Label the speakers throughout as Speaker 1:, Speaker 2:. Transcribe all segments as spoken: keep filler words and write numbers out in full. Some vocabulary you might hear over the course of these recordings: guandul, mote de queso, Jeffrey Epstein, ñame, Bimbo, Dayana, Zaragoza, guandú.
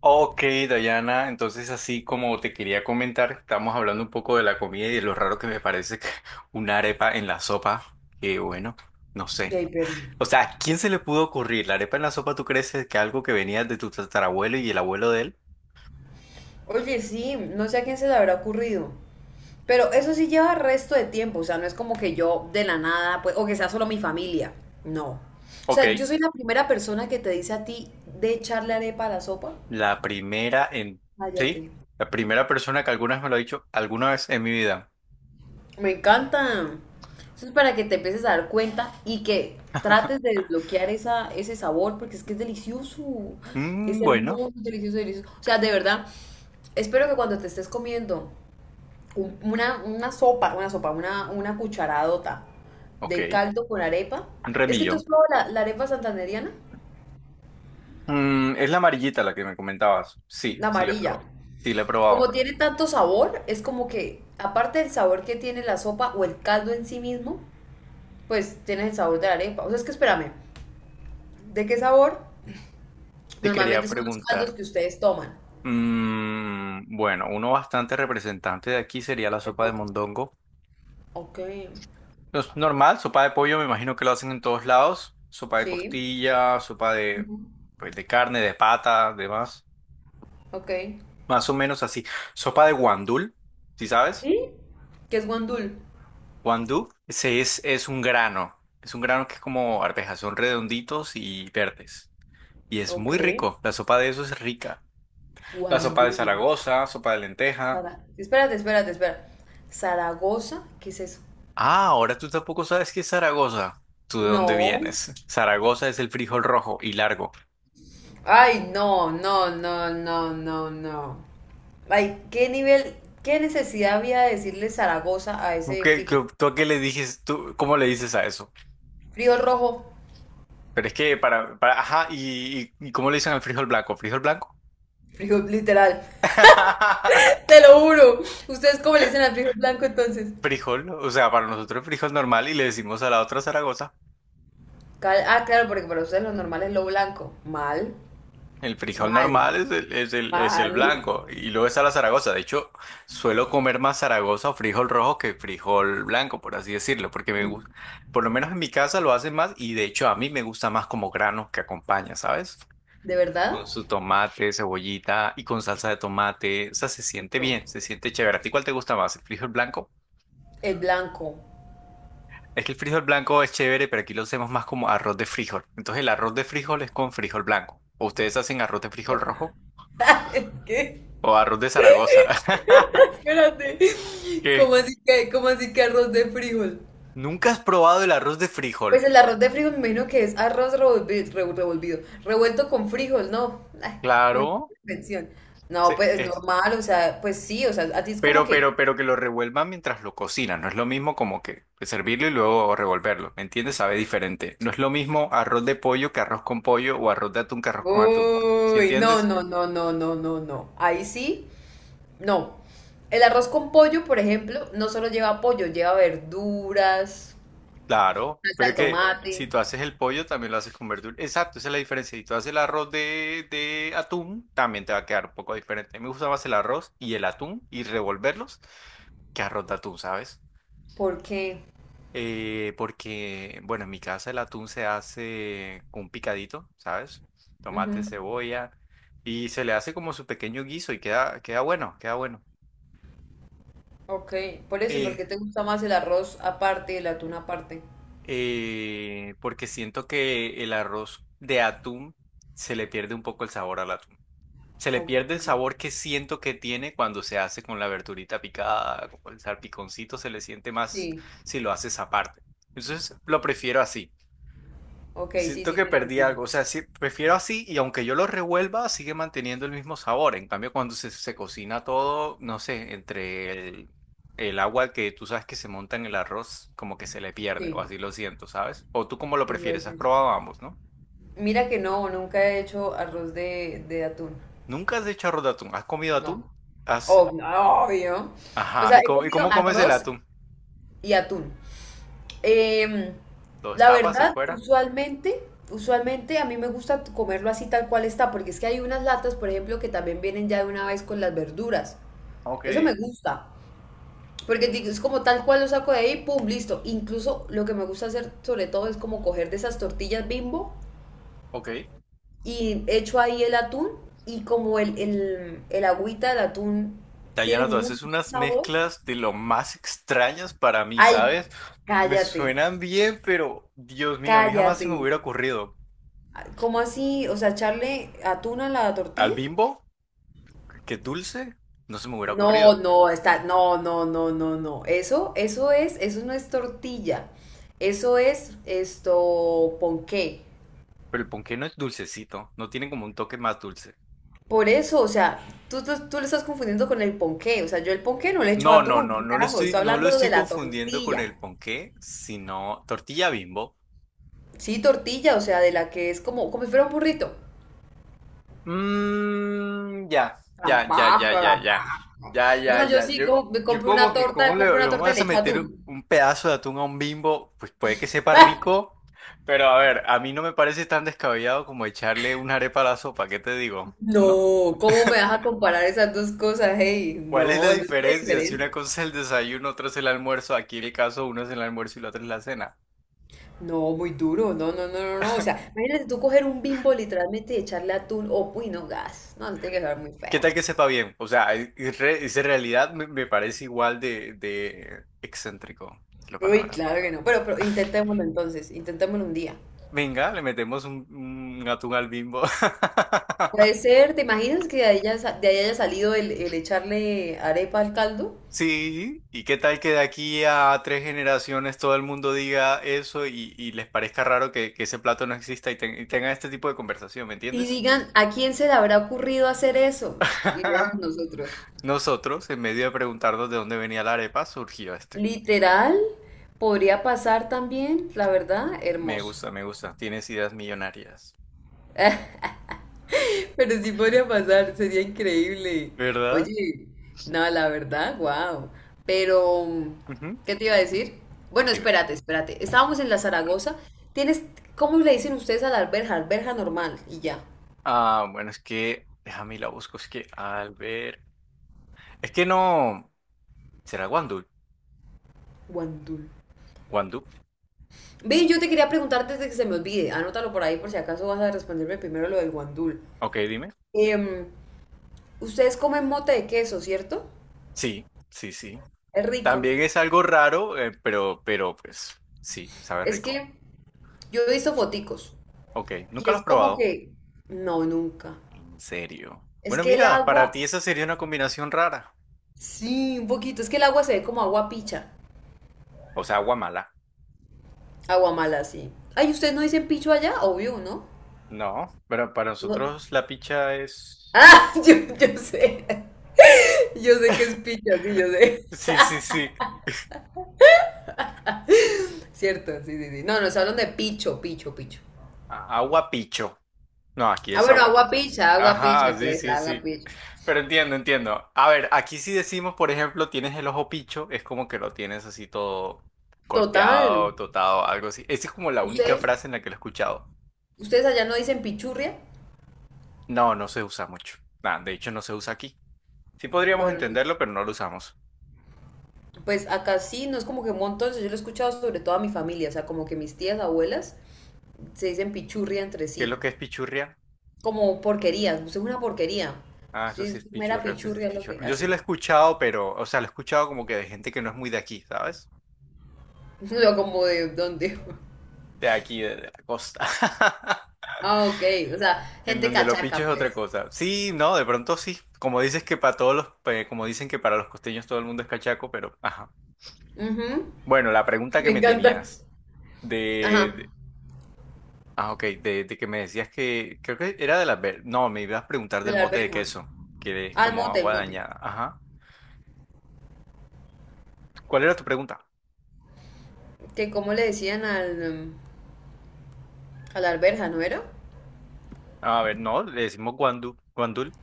Speaker 1: Ok, Dayana, entonces así como te quería comentar, estamos hablando un poco de la comida y de lo raro que me parece que una arepa en la sopa, que bueno, no
Speaker 2: De
Speaker 1: sé.
Speaker 2: ahí, pero...
Speaker 1: O sea, ¿a quién se le pudo ocurrir la arepa en la sopa? ¿Tú crees que algo que venía de tu tatarabuelo y el abuelo de él?
Speaker 2: Oye, sí, no sé a quién se le habrá ocurrido. Pero eso sí lleva resto de tiempo, o sea, no es como que yo de la nada, pues, o que sea solo mi familia. No. O
Speaker 1: Ok,
Speaker 2: sea, yo soy la primera persona que te dice a ti de echarle arepa a la sopa.
Speaker 1: la primera en... Sí,
Speaker 2: Cállate.
Speaker 1: la primera persona que alguna vez me lo ha dicho, alguna vez en mi vida.
Speaker 2: Me encanta. Eso es para que te empieces a dar cuenta y que trates de desbloquear esa, ese sabor, porque es que es delicioso. Es
Speaker 1: Mm, bueno,
Speaker 2: hermoso, delicioso, delicioso. O sea, de verdad, espero que cuando te estés comiendo una, una sopa, una sopa, una, una cucharadota
Speaker 1: ok,
Speaker 2: de caldo con arepa.
Speaker 1: un
Speaker 2: Es que tú
Speaker 1: remillón.
Speaker 2: has probado la, la arepa santandereana,
Speaker 1: Mm, es la amarillita la que me comentabas. Sí,
Speaker 2: la
Speaker 1: sí la he
Speaker 2: amarilla.
Speaker 1: probado. Sí la he
Speaker 2: Como
Speaker 1: probado.
Speaker 2: tiene tanto sabor, es como que, aparte del sabor que tiene la sopa o el caldo en sí mismo, pues tienes el sabor de la arepa. O sea, es que espérame, ¿de qué sabor?
Speaker 1: Te quería
Speaker 2: Normalmente son los caldos
Speaker 1: preguntar,
Speaker 2: que ustedes toman.
Speaker 1: mm, bueno, uno bastante representante de aquí sería la
Speaker 2: El
Speaker 1: sopa de
Speaker 2: mote.
Speaker 1: mondongo.
Speaker 2: Ok,
Speaker 1: No. Es normal, sopa de pollo, me imagino que lo hacen en todos lados. Sopa de
Speaker 2: sí.
Speaker 1: costilla, sopa de,
Speaker 2: Ujú.
Speaker 1: pues, de carne, de pata, demás.
Speaker 2: Ok.
Speaker 1: Más o menos así. Sopa de guandul, ¿sí sabes?
Speaker 2: ¿Sí? ¿Qué es guandul?
Speaker 1: Guandú, ese es, es un grano. Es un grano que es como arvejas, son redonditos y verdes. Y es
Speaker 2: Ok.
Speaker 1: muy rico. La sopa de eso es rica. La sopa de
Speaker 2: Guandul.
Speaker 1: Zaragoza, sopa de lenteja.
Speaker 2: Zara- Espérate, espérate, espera. ¿Zaragoza? ¿Qué es eso?
Speaker 1: Ah, ahora tú tampoco sabes qué es Zaragoza. ¿Tú de dónde
Speaker 2: No.
Speaker 1: vienes? Zaragoza es el frijol rojo y largo.
Speaker 2: Ay, no, no, no, no, no, no. Ay, ¿qué nivel, qué necesidad había de decirle Zaragoza a
Speaker 1: ¿Tú
Speaker 2: ese
Speaker 1: qué,
Speaker 2: frijol?
Speaker 1: qué- tú a qué le dices? ¿Tú cómo le dices a eso?
Speaker 2: Frijol rojo,
Speaker 1: Pero es que para, para- ajá, y, y- y ¿cómo le dicen al frijol blanco? ¿Frijol blanco?
Speaker 2: frijol literal. Te lo juro. ¿Ustedes cómo le dicen al frijol blanco entonces?
Speaker 1: Frijol, o sea, para nosotros es frijol normal y le decimos a la otra Zaragoza.
Speaker 2: Cal- ah, claro, porque para ustedes lo normal es lo blanco. Mal,
Speaker 1: El frijol
Speaker 2: mal,
Speaker 1: normal es el, es el, es el
Speaker 2: mal.
Speaker 1: blanco y luego está la Zaragoza. De hecho, suelo comer más Zaragoza o frijol rojo que frijol blanco, por así decirlo, porque me
Speaker 2: Mm,
Speaker 1: gusta, por lo menos en mi casa lo hacen más y de hecho a mí me gusta más como grano que acompaña, ¿sabes?
Speaker 2: ¿de
Speaker 1: Con
Speaker 2: verdad?
Speaker 1: su tomate, cebollita y con salsa de tomate. O sea, se siente bien,
Speaker 2: Rico.
Speaker 1: se siente chévere. ¿A ti cuál te gusta más, el frijol blanco?
Speaker 2: El blanco.
Speaker 1: Es que el frijol blanco es chévere, pero aquí lo hacemos más como arroz de frijol. Entonces el arroz de frijol es con frijol blanco. ¿O ustedes hacen arroz de frijol rojo?
Speaker 2: ¿Qué?
Speaker 1: O arroz de Zaragoza.
Speaker 2: Espérate.
Speaker 1: ¿Qué?
Speaker 2: ¿Cómo así que, cómo así que arroz de frijol?
Speaker 1: ¿Nunca has probado el arroz de
Speaker 2: Pues
Speaker 1: frijol?
Speaker 2: el arroz de frijol me imagino que es arroz revolvi- revo- revolvido, revuelto con frijol, ¿no? Ay, una
Speaker 1: Claro.
Speaker 2: invención. No,
Speaker 1: se-
Speaker 2: pues es
Speaker 1: es-
Speaker 2: normal, o sea, pues sí, o sea, a ti es como
Speaker 1: Pero, pero,
Speaker 2: que,
Speaker 1: pero que lo revuelvan mientras lo cocinan. No es lo mismo como que servirlo y luego revolverlo. ¿Me entiendes? Sabe diferente. No es lo mismo arroz de pollo que arroz con pollo o arroz de atún que arroz con atún. ¿Sí
Speaker 2: uy, no,
Speaker 1: entiendes?
Speaker 2: no, no, no, no, no, no. Ahí sí, no. El arroz con pollo, por ejemplo, no solo lleva pollo, lleva verduras,
Speaker 1: Claro.
Speaker 2: salsa
Speaker 1: Pero
Speaker 2: de
Speaker 1: es que
Speaker 2: tomate,
Speaker 1: si tú haces el pollo, también lo haces con verdura. Exacto, esa es la diferencia. Si tú haces el arroz de, de atún, también te va a quedar un poco diferente. A mí me gusta más el arroz y el atún y revolverlos que arroz de atún, ¿sabes?
Speaker 2: porque,
Speaker 1: Eh, porque, bueno, en mi casa el atún se hace con un picadito, ¿sabes?
Speaker 2: ¿qué?
Speaker 1: Tomate,
Speaker 2: Ujú.
Speaker 1: cebolla, y se le hace como su pequeño guiso y queda, queda bueno, queda bueno.
Speaker 2: Ok, por eso y por
Speaker 1: Eh,
Speaker 2: qué te gusta más el arroz aparte y el atún aparte.
Speaker 1: eh, porque siento que el arroz de atún se le pierde un poco el sabor al atún. Se le
Speaker 2: Ok,
Speaker 1: pierde el sabor que siento que tiene cuando se hace con la verdurita picada, con el salpiconcito, se le siente más
Speaker 2: sí,
Speaker 1: si lo haces aparte. Entonces, lo prefiero así.
Speaker 2: ok, sí,
Speaker 1: Siento
Speaker 2: sí,
Speaker 1: que
Speaker 2: tiene
Speaker 1: perdí
Speaker 2: sentido.
Speaker 1: algo, o sea, sí, prefiero así y aunque yo lo revuelva, sigue manteniendo el mismo sabor. En cambio, cuando se, se cocina todo, no sé, entre el, el agua que tú sabes que se monta en el arroz, como que se le pierde, o
Speaker 2: Sí,
Speaker 1: así lo siento, ¿sabes? O tú cómo lo
Speaker 2: sí, puede
Speaker 1: prefieres, has
Speaker 2: ser.
Speaker 1: probado ambos, ¿no?
Speaker 2: Mira que no, nunca he hecho arroz de, de atún.
Speaker 1: Nunca has hecho arroz de atún, ¿has comido
Speaker 2: No,
Speaker 1: atún? ¿Has...
Speaker 2: obvio, obvio. O
Speaker 1: Ajá,
Speaker 2: sea,
Speaker 1: ¿y
Speaker 2: he
Speaker 1: cómo, y
Speaker 2: comido
Speaker 1: cómo comes el
Speaker 2: arroz
Speaker 1: atún?
Speaker 2: y atún. Em,
Speaker 1: ¿Lo
Speaker 2: la
Speaker 1: destapas y
Speaker 2: verdad,
Speaker 1: fuera?
Speaker 2: usualmente, usualmente a mí me gusta comerlo así tal cual está, porque es que hay unas latas, por ejemplo, que también vienen ya de una vez con las verduras.
Speaker 1: Ok,
Speaker 2: Eso me gusta. Porque es como tal cual lo saco de ahí, pum, listo. Incluso lo que me gusta hacer sobre todo es como coger de esas tortillas bimbo
Speaker 1: ok.
Speaker 2: y echo ahí el atún y como el, el, el agüita del atún tiene
Speaker 1: Dayana, tú
Speaker 2: muy buen
Speaker 1: haces unas
Speaker 2: sabor.
Speaker 1: mezclas de lo más extrañas para mí,
Speaker 2: Ay,
Speaker 1: ¿sabes? Me
Speaker 2: cállate,
Speaker 1: suenan bien, pero Dios mío, a mí jamás se me
Speaker 2: cállate.
Speaker 1: hubiera ocurrido.
Speaker 2: ¿Cómo así? O sea, echarle atún a la
Speaker 1: Al
Speaker 2: tortilla.
Speaker 1: bimbo, que es dulce, no se me hubiera
Speaker 2: No,
Speaker 1: ocurrido.
Speaker 2: no, está, no, no, no, no, no. Eso, eso es, eso no es tortilla. Eso es esto, ponqué.
Speaker 1: Pero el ponqué no es dulcecito, no tiene como un toque más dulce.
Speaker 2: Por eso, o sea, tú, tú, tú lo estás confundiendo con el ponqué. O sea, yo el ponqué no le echo
Speaker 1: No, no,
Speaker 2: atún,
Speaker 1: no,
Speaker 2: ¿qué
Speaker 1: no lo
Speaker 2: carajo?
Speaker 1: estoy,
Speaker 2: Estoy
Speaker 1: no lo
Speaker 2: hablando
Speaker 1: estoy
Speaker 2: de la
Speaker 1: confundiendo con
Speaker 2: tortilla.
Speaker 1: el ponqué, sino tortilla bimbo.
Speaker 2: Sí, tortilla, o sea, de la que es como, como si fuera un burrito.
Speaker 1: Mm, ya, ya, ya, ya,
Speaker 2: Tampoco,
Speaker 1: ya, ya,
Speaker 2: tampoco.
Speaker 1: ya, ya,
Speaker 2: No,
Speaker 1: ya.
Speaker 2: yo sí
Speaker 1: Yo,
Speaker 2: co- me
Speaker 1: yo
Speaker 2: compro una
Speaker 1: como que, ¿cómo
Speaker 2: torta,
Speaker 1: le,
Speaker 2: compro
Speaker 1: le
Speaker 2: una torta y
Speaker 1: vamos
Speaker 2: le
Speaker 1: a
Speaker 2: echo
Speaker 1: meter
Speaker 2: atún.
Speaker 1: un pedazo de atún a un bimbo? Pues puede que sepa
Speaker 2: ¡Ah!
Speaker 1: rico, pero a ver, a mí no me parece tan descabellado como echarle una arepa a la sopa, ¿qué te digo? ¿No?
Speaker 2: No, ¿cómo me vas a comparar esas dos cosas? Hey,
Speaker 1: ¿Cuál es la
Speaker 2: no, eso es muy
Speaker 1: diferencia si una
Speaker 2: diferente.
Speaker 1: cosa es el desayuno, otra es el almuerzo? Aquí en el caso uno es el almuerzo y la otra es la cena.
Speaker 2: No, muy duro, no, no, no, no, no. O sea, imagínate tú coger un bimbo literalmente y echarle atún o, uy, no, gas. No, eso tiene que saber muy
Speaker 1: ¿Qué
Speaker 2: feo.
Speaker 1: tal que sepa bien? O sea, es, es re- es en realidad me, me parece igual de, de excéntrico, es la
Speaker 2: Uy,
Speaker 1: palabra.
Speaker 2: claro que no. Pero, pero intentémoslo entonces, intentémoslo un día.
Speaker 1: Venga, le metemos un, un atún al Bimbo.
Speaker 2: Puede ser, ¿te imaginas que de ahí, ya sa- de ahí haya salido el, el echarle arepa al caldo?
Speaker 1: Sí, ¿y qué tal que de aquí a tres generaciones todo el mundo diga eso y, y les parezca raro que, que ese plato no exista y, ten- y tengan este tipo de conversación, ¿me
Speaker 2: Y
Speaker 1: entiendes?
Speaker 2: digan, ¿a quién se le habrá ocurrido hacer eso? Y éramos nosotros.
Speaker 1: Nosotros, en medio de preguntarnos de dónde venía la arepa, surgió este.
Speaker 2: Literal, podría pasar también, la verdad,
Speaker 1: Me
Speaker 2: hermoso.
Speaker 1: gusta, me gusta, tienes ideas millonarias.
Speaker 2: Pero sí podría pasar, sería increíble.
Speaker 1: ¿Verdad?
Speaker 2: Oye, no, la verdad, wow. Pero,
Speaker 1: Ujú.
Speaker 2: ¿qué te iba a decir? Bueno,
Speaker 1: Dime.
Speaker 2: espérate, espérate. Estábamos en la Zaragoza. Tienes, ¿cómo le dicen ustedes a la alberja? Alberja normal y ya.
Speaker 1: Ah, bueno, es que, déjame y la busco, es que al ver... Es que no... ¿Será guandú?
Speaker 2: Guandul.
Speaker 1: ¿Guandú?
Speaker 2: Ve, yo te quería preguntar antes de que se me olvide. Anótalo por ahí por si acaso vas a responderme primero lo del guandul.
Speaker 1: Ok, dime.
Speaker 2: Em, ustedes comen mote de queso, ¿cierto?
Speaker 1: Sí, sí, sí.
Speaker 2: Es rico.
Speaker 1: También es algo raro, eh, pero, pero, pues sí, sabe
Speaker 2: Es
Speaker 1: rico.
Speaker 2: que yo he visto foticos
Speaker 1: Ok,
Speaker 2: y
Speaker 1: nunca lo has
Speaker 2: es como
Speaker 1: probado.
Speaker 2: que no, nunca.
Speaker 1: En serio.
Speaker 2: Es
Speaker 1: Bueno,
Speaker 2: que el
Speaker 1: mira, para ti
Speaker 2: agua,
Speaker 1: esa sería una combinación rara.
Speaker 2: sí, un poquito, es que el agua se ve como agua picha,
Speaker 1: O sea, agua mala.
Speaker 2: agua mala, sí. Ay, ¿ustedes no dicen picho allá? Obvio, ¿no?
Speaker 1: No, pero para
Speaker 2: No.
Speaker 1: nosotros la picha es...
Speaker 2: Ah, yo, yo sé, yo sé que es picha, sí, yo sé.
Speaker 1: Sí, sí, sí.
Speaker 2: Cierto, sí, sí, sí. No, nos hablan de picho, picho, picho.
Speaker 1: A- Agua picho. No, aquí
Speaker 2: Ah,
Speaker 1: es
Speaker 2: bueno,
Speaker 1: agua.
Speaker 2: agua picha, agua
Speaker 1: Ajá,
Speaker 2: picha,
Speaker 1: sí,
Speaker 2: pues,
Speaker 1: sí,
Speaker 2: agua
Speaker 1: sí.
Speaker 2: picha.
Speaker 1: Pero entiendo, entiendo. A ver, aquí si decimos, por ejemplo, tienes el ojo picho, es como que lo tienes así todo
Speaker 2: Total.
Speaker 1: golpeado, totado, algo así. Esa es como la única
Speaker 2: ¿Ustedes,
Speaker 1: frase en la que lo he escuchado.
Speaker 2: ustedes allá no dicen pichurria?
Speaker 1: No, no se usa mucho. Nah, de hecho, no se usa aquí. Sí podríamos
Speaker 2: Bueno,
Speaker 1: entenderlo, pero no lo usamos.
Speaker 2: pues acá sí, no es como que un montón, yo lo he escuchado sobre todo a mi familia, o sea, como que mis tías, abuelas, se dicen pichurria entre
Speaker 1: ¿Qué es
Speaker 2: sí.
Speaker 1: lo que es pichurria?
Speaker 2: Como porquerías, usted es una porquería.
Speaker 1: Ah, eso
Speaker 2: Sí,
Speaker 1: sí es
Speaker 2: usted es mera
Speaker 1: pichurria, eso sí es
Speaker 2: pichurria lo que,
Speaker 1: pichurria. Yo
Speaker 2: así.
Speaker 1: sí lo he escuchado, pero, o sea, lo he escuchado como que de gente que no es muy de aquí, ¿sabes?
Speaker 2: Yo como de dónde.
Speaker 1: De aquí, de de la costa.
Speaker 2: Ah, ok. O sea,
Speaker 1: En
Speaker 2: gente
Speaker 1: donde lo pincho
Speaker 2: cachaca,
Speaker 1: es otra
Speaker 2: pues.
Speaker 1: cosa. Sí, no, de pronto sí. Como dices que para todos los, eh, como dicen que para los costeños todo el mundo es cachaco, pero ajá.
Speaker 2: Ujú,
Speaker 1: Bueno, la pregunta que
Speaker 2: me
Speaker 1: me
Speaker 2: encanta.
Speaker 1: tenías de,
Speaker 2: Ajá.
Speaker 1: de- ah, ok, de, de que me decías que creo que era de las, ver- no, me ibas a preguntar
Speaker 2: De
Speaker 1: del
Speaker 2: la
Speaker 1: mote de
Speaker 2: alberja.
Speaker 1: queso, que es
Speaker 2: Al
Speaker 1: como
Speaker 2: mote, el
Speaker 1: agua
Speaker 2: mote.
Speaker 1: dañada. Ajá. ¿Cuál era tu pregunta?
Speaker 2: Que como le decían al, em, a la alberja, ¿no era?
Speaker 1: A ver, no, le decimos guandú, guandul.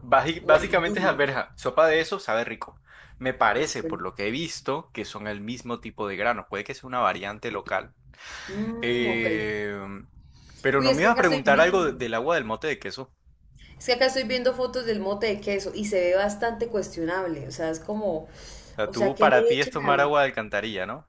Speaker 1: Baji- Básicamente
Speaker 2: Guaidul.
Speaker 1: es alberja. Sopa de eso sabe rico. Me parece,
Speaker 2: Ok.
Speaker 1: por lo que he visto, que son el mismo tipo de grano. Puede que sea una variante local.
Speaker 2: Mm, ok.
Speaker 1: Eh, pero
Speaker 2: Uy,
Speaker 1: no
Speaker 2: es
Speaker 1: me
Speaker 2: que
Speaker 1: ibas a
Speaker 2: acá estoy
Speaker 1: preguntar algo
Speaker 2: viendo.
Speaker 1: de- del agua del mote de queso.
Speaker 2: Es que acá estoy viendo fotos del mote de queso y se ve bastante cuestionable. O sea, es como.
Speaker 1: O sea,
Speaker 2: O sea,
Speaker 1: tú
Speaker 2: ¿qué
Speaker 1: para
Speaker 2: le
Speaker 1: ti es
Speaker 2: echan
Speaker 1: tomar
Speaker 2: al,
Speaker 1: agua de alcantarilla, ¿no?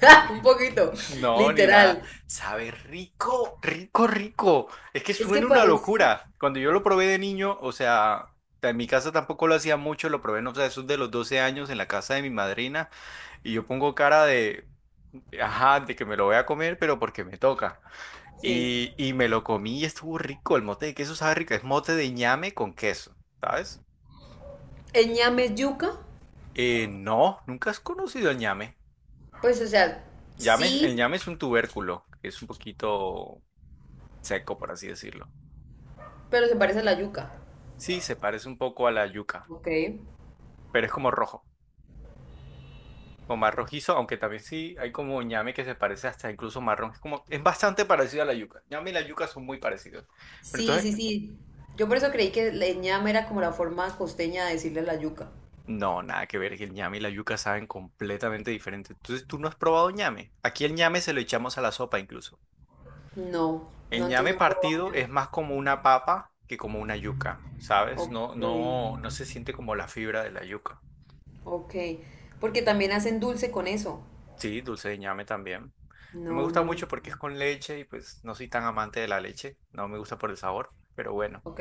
Speaker 2: un poquito,
Speaker 1: No, ni nada.
Speaker 2: literal.
Speaker 1: Sabe rico, rico, rico. Es que
Speaker 2: Es que
Speaker 1: suena una
Speaker 2: parece,
Speaker 1: locura. Cuando yo lo probé de niño, o sea, en mi casa tampoco lo hacía mucho, lo probé, no sé, eso es de los doce años en la casa de mi madrina. Y yo pongo cara de, ajá, de que me lo voy a comer, pero porque me toca.
Speaker 2: sí.
Speaker 1: Y, y me lo comí y estuvo rico. El mote de queso sabe rico. Es mote de ñame con queso, ¿sabes?
Speaker 2: El ñame es yuca,
Speaker 1: Eh, no, nunca has conocido el ñame.
Speaker 2: pues o sea,
Speaker 1: Llame- el
Speaker 2: sí,
Speaker 1: ñame es un tubérculo, que es un poquito seco, por así decirlo.
Speaker 2: pero se parece a la yuca.
Speaker 1: Sí, se parece un poco a la yuca,
Speaker 2: Ok.
Speaker 1: pero es como rojo, o más rojizo, aunque también sí hay como ñame que se parece hasta incluso marrón. Es como, es bastante parecido a la yuca. Ñame y la yuca son muy parecidos. Pero
Speaker 2: Sí,
Speaker 1: entonces,
Speaker 2: sí, sí. Yo por eso creí que el ñame era como la forma costeña de decirle a la yuca.
Speaker 1: no, nada que ver, que el ñame y la yuca saben completamente diferente. Entonces, ¿tú no has probado ñame? Aquí el ñame se lo echamos a la sopa incluso.
Speaker 2: No,
Speaker 1: El
Speaker 2: no,
Speaker 1: ñame
Speaker 2: entonces no probaba
Speaker 1: partido
Speaker 2: ñame.
Speaker 1: es más como una papa que como una yuca, ¿sabes?
Speaker 2: Ok,
Speaker 1: No, no, no se siente como la fibra de la yuca.
Speaker 2: ok. Porque también hacen dulce con eso.
Speaker 1: Sí, dulce de ñame también. No me
Speaker 2: No,
Speaker 1: gusta mucho
Speaker 2: nunca.
Speaker 1: porque es con leche y pues no soy tan amante de la leche. No me gusta por el sabor, pero bueno.
Speaker 2: Ok,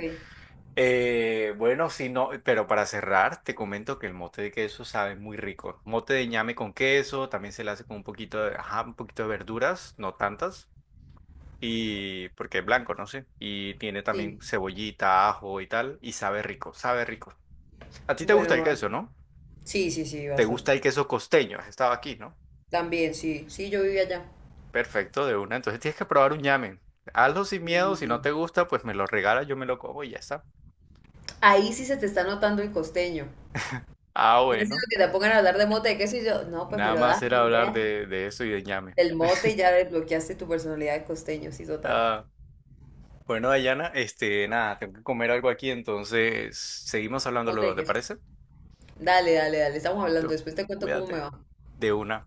Speaker 1: Eh, bueno, sí, no, pero para cerrar, te comento que el mote de queso sabe muy rico. Mote de ñame con queso, también se le hace con un poquito de, ajá, un poquito de verduras, no tantas. Y porque es blanco, no sé. Y tiene
Speaker 2: sí.
Speaker 1: también cebollita, ajo y tal. Y sabe rico, sabe rico. A ti te gusta
Speaker 2: Bueno,
Speaker 1: el
Speaker 2: vale.
Speaker 1: queso, ¿no?
Speaker 2: Sí, sí, sí,
Speaker 1: Te gusta
Speaker 2: bastante.
Speaker 1: el queso costeño. Has estado aquí, ¿no?
Speaker 2: También, sí, sí, yo vivía allá.
Speaker 1: Perfecto, de una. Entonces tienes que probar un llamen. Hazlo sin miedo. Si no te gusta, pues me lo regala, yo me lo como y ya está.
Speaker 2: Ahí sí se te está notando el costeño.
Speaker 1: Ah,
Speaker 2: No es sino
Speaker 1: bueno.
Speaker 2: que te pongan a hablar de mote de queso y yo, no, pues me
Speaker 1: Nada
Speaker 2: lo das,
Speaker 1: más era
Speaker 2: man, ¿qué?
Speaker 1: hablar de, de eso y de ñame.
Speaker 2: Del mote y ya desbloqueaste tu personalidad de costeño, sí, total.
Speaker 1: Ah, bueno, Dayana, este, nada, tengo que comer algo aquí, entonces seguimos hablando
Speaker 2: Mote
Speaker 1: luego,
Speaker 2: de
Speaker 1: ¿te
Speaker 2: queso.
Speaker 1: parece?
Speaker 2: Dale, dale, dale, estamos hablando,
Speaker 1: Listo.
Speaker 2: después te cuento cómo me
Speaker 1: Cuídate.
Speaker 2: va.
Speaker 1: De una.